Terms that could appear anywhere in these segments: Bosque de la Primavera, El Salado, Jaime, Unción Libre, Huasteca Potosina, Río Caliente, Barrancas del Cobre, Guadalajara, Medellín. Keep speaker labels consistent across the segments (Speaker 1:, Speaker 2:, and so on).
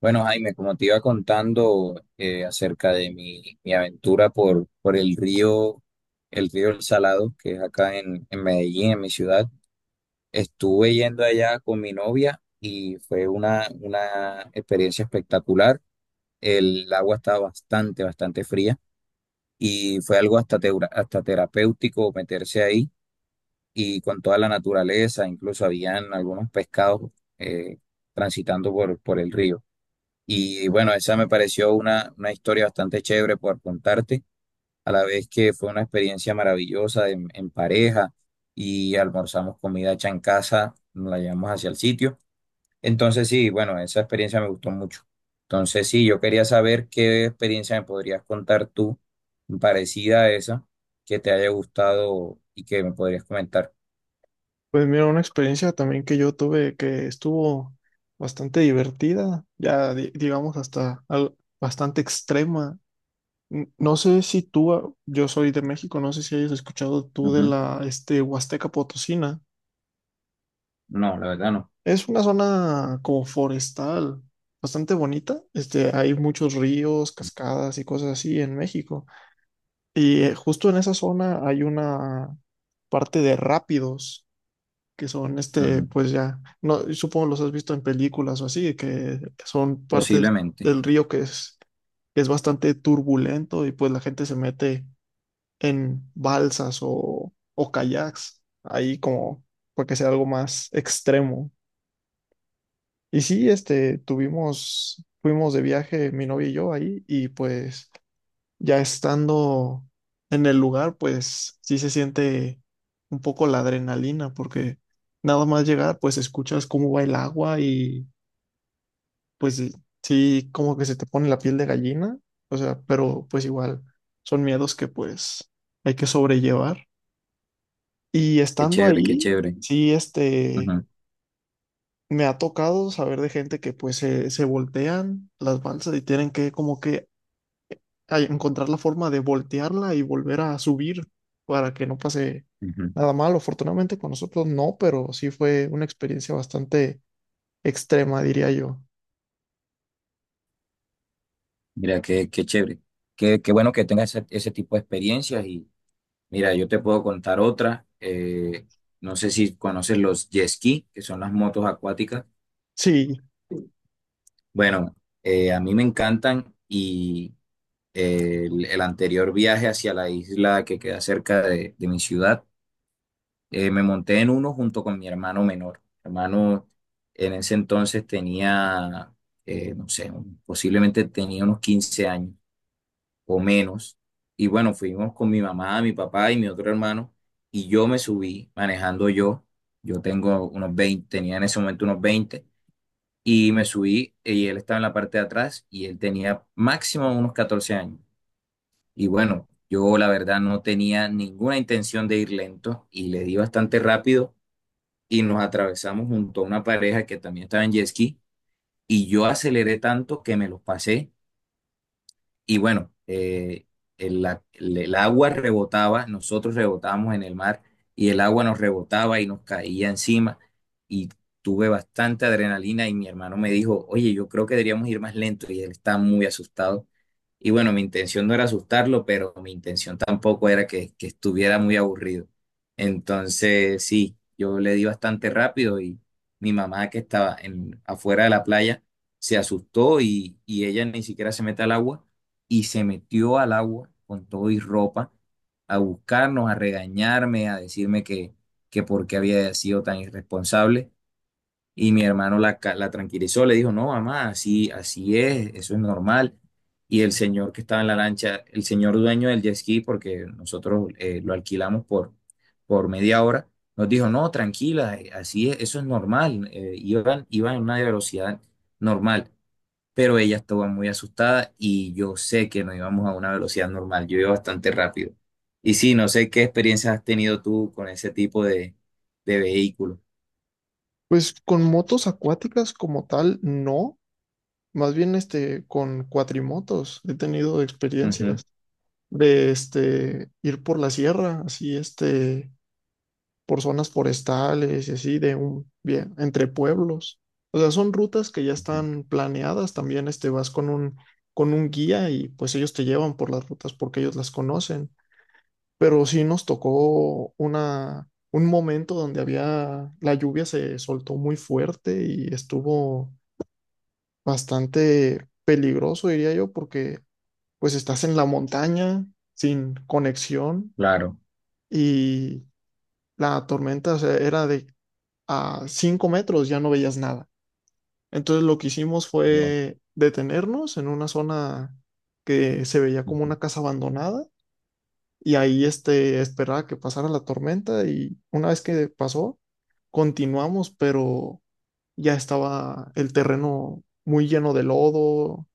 Speaker 1: Bueno, Jaime, como te iba contando acerca de mi aventura por el río, el río El Salado, que es acá en Medellín, en mi ciudad, estuve yendo allá con mi novia y fue una experiencia espectacular. El agua estaba bastante, bastante fría y fue algo hasta terapéutico meterse ahí y con toda la naturaleza, incluso habían algunos pescados eh, transitando por el río. Y bueno, esa me pareció una historia bastante chévere por contarte, a la vez que fue una experiencia maravillosa en pareja y almorzamos comida hecha en casa, nos la llevamos hacia el sitio. Entonces sí, bueno, esa experiencia me gustó mucho. Entonces sí, yo quería saber qué experiencia me podrías contar tú parecida a esa, que te haya gustado y que me podrías comentar.
Speaker 2: Pues mira, una experiencia también que yo tuve que estuvo bastante divertida, ya digamos hasta bastante extrema. No sé si tú, yo soy de México. No sé si hayas escuchado tú de
Speaker 1: Ujú.
Speaker 2: la Huasteca Potosina.
Speaker 1: No, la verdad no.
Speaker 2: Es una zona como forestal, bastante bonita. Hay muchos ríos, cascadas y cosas así en México. Y justo en esa zona hay una parte de rápidos, que son
Speaker 1: Ujú.
Speaker 2: pues ya, no, supongo los has visto en películas o así, que son partes
Speaker 1: Posiblemente.
Speaker 2: del río que es bastante turbulento, y pues la gente se mete en balsas o kayaks, ahí como para que sea algo más extremo. Y sí, fuimos de viaje mi novia y yo ahí, y pues ya estando en el lugar, pues sí se siente un poco la adrenalina, porque nada más llegar, pues escuchas cómo va el agua y pues sí, como que se te pone la piel de gallina. O sea, pero pues igual son miedos que pues hay que sobrellevar. Y
Speaker 1: Qué
Speaker 2: estando
Speaker 1: chévere, qué
Speaker 2: ahí,
Speaker 1: chévere.
Speaker 2: sí,
Speaker 1: Ujú,
Speaker 2: me ha tocado saber de gente que se voltean las balsas y tienen que como que a encontrar la forma de voltearla y volver a subir para que no pase
Speaker 1: ujú.
Speaker 2: nada malo. Afortunadamente con nosotros no, pero sí fue una experiencia bastante extrema, diría yo.
Speaker 1: Mira, qué chévere. Qué bueno que tengas ese tipo de experiencias. Y mira, yo te puedo contar otra. No sé si conoces los jet ski, que son las motos acuáticas.
Speaker 2: Sí,
Speaker 1: Bueno, a mí me encantan y el anterior viaje hacia la isla que queda cerca de mi ciudad, me monté en uno junto con mi hermano menor. Mi hermano en ese entonces tenía, no sé, posiblemente tenía unos 15 años o menos. Y bueno, fuimos con mi mamá, mi papá y mi otro hermano y yo me subí manejando yo. Yo tengo unos 20 Tenía en ese momento unos 20 y me subí y él estaba en la parte de atrás y él tenía máximo unos 14 años. Y bueno, yo la verdad no tenía ninguna intención de ir lento y le di bastante rápido y nos atravesamos junto a una pareja que también estaba en jet ski y yo aceleré tanto que me los pasé. Y bueno, el agua rebotaba, nosotros rebotábamos en el mar y el agua nos rebotaba y nos caía encima y tuve bastante adrenalina y mi hermano me dijo, oye, yo creo que deberíamos ir más lento y él estaba muy asustado. Y bueno, mi intención no era asustarlo, pero mi intención tampoco era que estuviera muy aburrido. Entonces, sí, yo le di bastante rápido y mi mamá que estaba afuera de la playa se asustó y ella ni siquiera se mete al agua y se metió al agua con todo y ropa a buscarnos, a regañarme, a decirme que, por qué había sido tan irresponsable. Y mi hermano la tranquilizó, le dijo, no, mamá, así, así es, eso es normal. Y el señor que estaba en la lancha, el señor dueño del jet ski, porque nosotros lo alquilamos por media hora, nos dijo, no, tranquila, así es, eso es normal. Iban a una velocidad normal, pero ella estaba muy asustada y yo sé que no íbamos a una velocidad normal, yo iba bastante rápido. Y sí, no sé qué experiencias has tenido tú con ese tipo de vehículo.
Speaker 2: pues con motos acuáticas como tal, no. Más bien con cuatrimotos he tenido
Speaker 1: Ujú,
Speaker 2: experiencias de ir por la sierra, así por zonas forestales y así, de un, bien, entre pueblos. O sea, son rutas que ya están planeadas. También con un guía, y pues ellos te llevan por las rutas porque ellos las conocen. Pero sí nos tocó un momento donde había, la lluvia se soltó muy fuerte y estuvo bastante peligroso, diría yo, porque pues estás en la montaña sin conexión,
Speaker 1: claro.
Speaker 2: y la tormenta, o sea, era de a 5 metros ya no veías nada. Entonces lo que hicimos
Speaker 1: Bueno,
Speaker 2: fue detenernos en una zona que se veía como
Speaker 1: ujú,
Speaker 2: una casa abandonada, y ahí esperaba que pasara la tormenta, y una vez que pasó, continuamos, pero ya estaba el terreno muy lleno de lodo.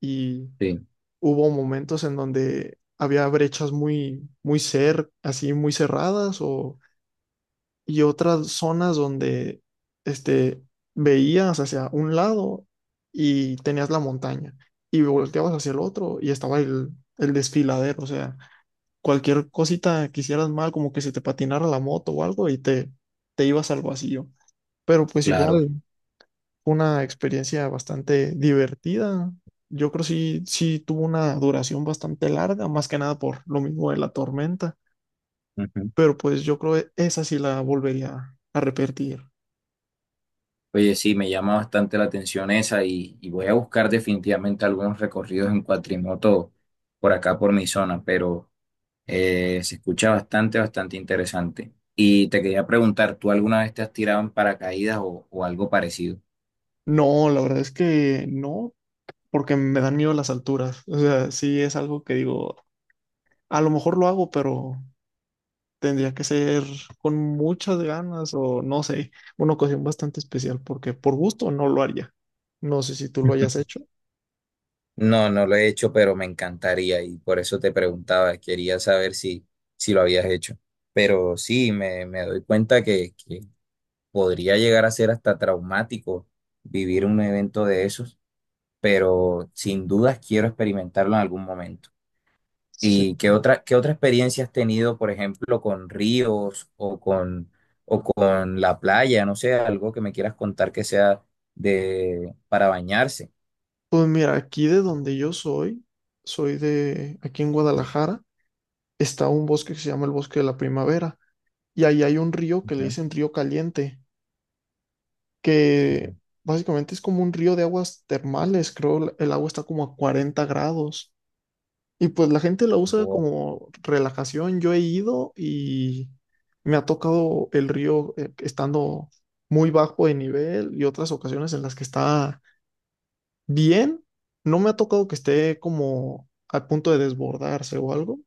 Speaker 2: Y
Speaker 1: sí,
Speaker 2: hubo momentos en donde había brechas muy, así muy cerradas, o y otras zonas donde este, veías hacia un lado y tenías la montaña, y volteabas hacia el otro y estaba el desfiladero. O sea, cualquier cosita que hicieras mal, como que se te patinara la moto o algo, te ibas al vacío. Pero pues
Speaker 1: claro.
Speaker 2: igual fue una experiencia bastante divertida. Yo creo que sí, sí tuvo una duración bastante larga, más que nada por lo mismo de la tormenta,
Speaker 1: Ujú.
Speaker 2: pero pues yo creo que esa sí la volvería a repetir.
Speaker 1: Oye, sí, me llama bastante la atención esa y voy a buscar definitivamente algunos recorridos en cuatrimoto por acá, por mi zona, pero... Se escucha bastante, bastante interesante. Y te quería preguntar, ¿tú alguna vez te has tirado en paracaídas o algo parecido?
Speaker 2: No, la verdad es que no, porque me dan miedo las alturas. O sea, sí es algo que digo, a lo mejor lo hago, pero tendría que ser con muchas ganas o no sé, una ocasión bastante especial, porque por gusto no lo haría. No sé si tú lo hayas hecho.
Speaker 1: No, no lo he hecho, pero me encantaría y por eso te preguntaba, quería saber si lo habías hecho. Pero sí, me doy cuenta que podría llegar a ser hasta traumático vivir un evento de esos, pero sin dudas quiero experimentarlo en algún momento.
Speaker 2: Sí.
Speaker 1: ¿Y qué otra experiencia has tenido, por ejemplo, con ríos o con la playa? No sé, algo que me quieras contar que sea para bañarse.
Speaker 2: Pues mira, aquí de donde yo soy, soy de aquí en Guadalajara, está un bosque que se llama el Bosque de la Primavera, y ahí hay un río que le
Speaker 1: Ujú,
Speaker 2: dicen Río Caliente, que
Speaker 1: ujú.
Speaker 2: básicamente es como un río de aguas termales, creo, el agua está como a 40 grados. Y pues la gente la usa
Speaker 1: Bo-
Speaker 2: como relajación. Yo he ido y me ha tocado el río estando muy bajo de nivel, y otras ocasiones en las que está bien. No me ha tocado que esté como al punto de desbordarse o algo,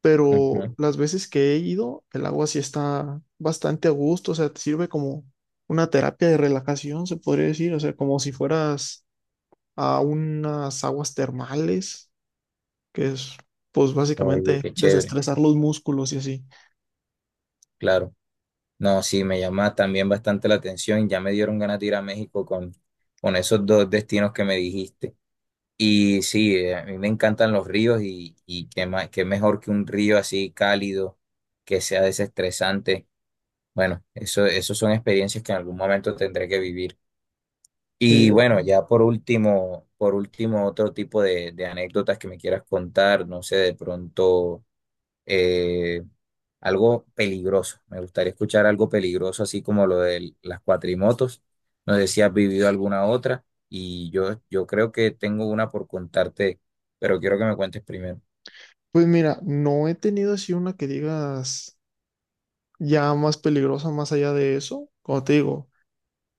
Speaker 2: pero
Speaker 1: Ujú.
Speaker 2: las veces que he ido, el agua sí está bastante a gusto. O sea, te sirve como una terapia de relajación, se podría decir. O sea, como si fueras a unas aguas termales, que es pues
Speaker 1: Oye,
Speaker 2: básicamente
Speaker 1: qué chévere,
Speaker 2: desestresar los músculos y así.
Speaker 1: claro. No, sí, me llama también bastante la atención. Ya me dieron ganas de ir a México con esos dos destinos que me dijiste. Y sí, a mí me encantan los ríos y qué más, qué mejor que un río así cálido, que sea desestresante. Bueno, eso son experiencias que en algún momento tendré que vivir.
Speaker 2: Sí,
Speaker 1: Y bueno, ya por último, otro tipo de anécdotas que me quieras contar, no sé, de pronto eh, algo peligroso. Me gustaría escuchar algo peligroso, así como lo de las cuatrimotos. No sé si has vivido alguna otra y yo creo que tengo una por contarte, pero quiero que me cuentes primero.
Speaker 2: pues mira, no he tenido así una que digas ya más peligrosa más allá de eso, como te digo.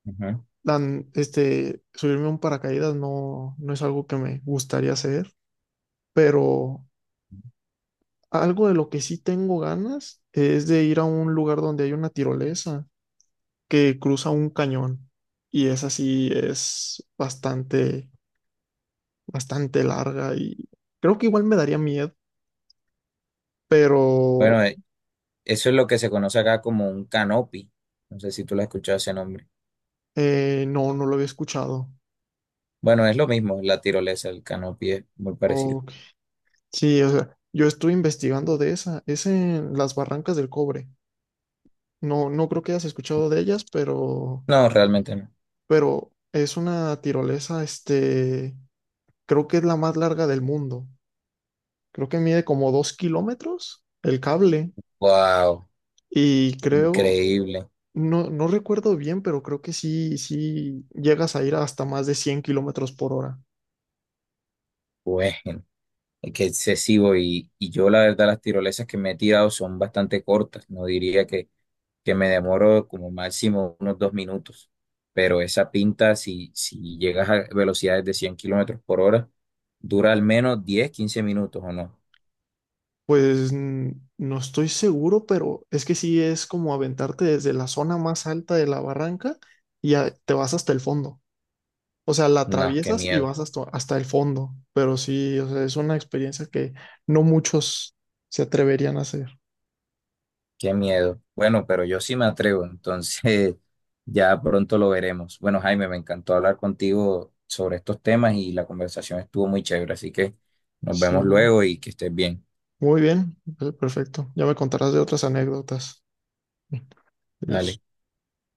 Speaker 1: Ujú.
Speaker 2: Dan subirme a un paracaídas no, no es algo que me gustaría hacer, pero algo de lo que sí tengo ganas es de ir a un lugar donde hay una tirolesa que cruza un cañón. Y esa sí es bastante, bastante larga, y creo que igual me daría miedo, pero
Speaker 1: Bueno, eso es lo que se conoce acá como un canopy. No sé si tú lo has escuchado ese nombre.
Speaker 2: no, no lo había escuchado.
Speaker 1: Bueno, es lo mismo, la tirolesa, el canopy es muy parecido.
Speaker 2: Ok. Sí, o sea, yo estuve investigando de esa. Es en las Barrancas del Cobre. No, no creo que hayas escuchado de ellas, pero,
Speaker 1: No, realmente no.
Speaker 2: pero es una tirolesa, creo que es la más larga del mundo. Creo que mide como 2 kilómetros el cable,
Speaker 1: Wow,
Speaker 2: y creo,
Speaker 1: increíble.
Speaker 2: no, no recuerdo bien, pero creo que sí, sí llegas a ir hasta más de 100 kilómetros por hora.
Speaker 1: Bueno, es excesivo y yo la verdad las tirolesas que me he tirado son bastante cortas. No diría que me demoro como máximo unos 2 minutos, pero esa pinta, si llegas a velocidades de 100 kilómetros por hora, dura al menos 10 15 minutos o no.
Speaker 2: Pues no estoy seguro, pero es que sí es como aventarte desde la zona más alta de la barranca, y te vas hasta el fondo. O sea, la
Speaker 1: No, qué
Speaker 2: atraviesas y
Speaker 1: miedo.
Speaker 2: vas hasta, hasta el fondo, pero sí, o sea, es una experiencia que no muchos se atreverían a hacer.
Speaker 1: Qué miedo. Bueno, pero yo sí me atrevo, entonces ya pronto lo veremos. Bueno, Jaime, me encantó hablar contigo sobre estos temas y la conversación estuvo muy chévere, así que nos
Speaker 2: Sí.
Speaker 1: vemos luego y que estés bien.
Speaker 2: Muy bien, perfecto. Ya me contarás de otras anécdotas. Adiós.
Speaker 1: Dale.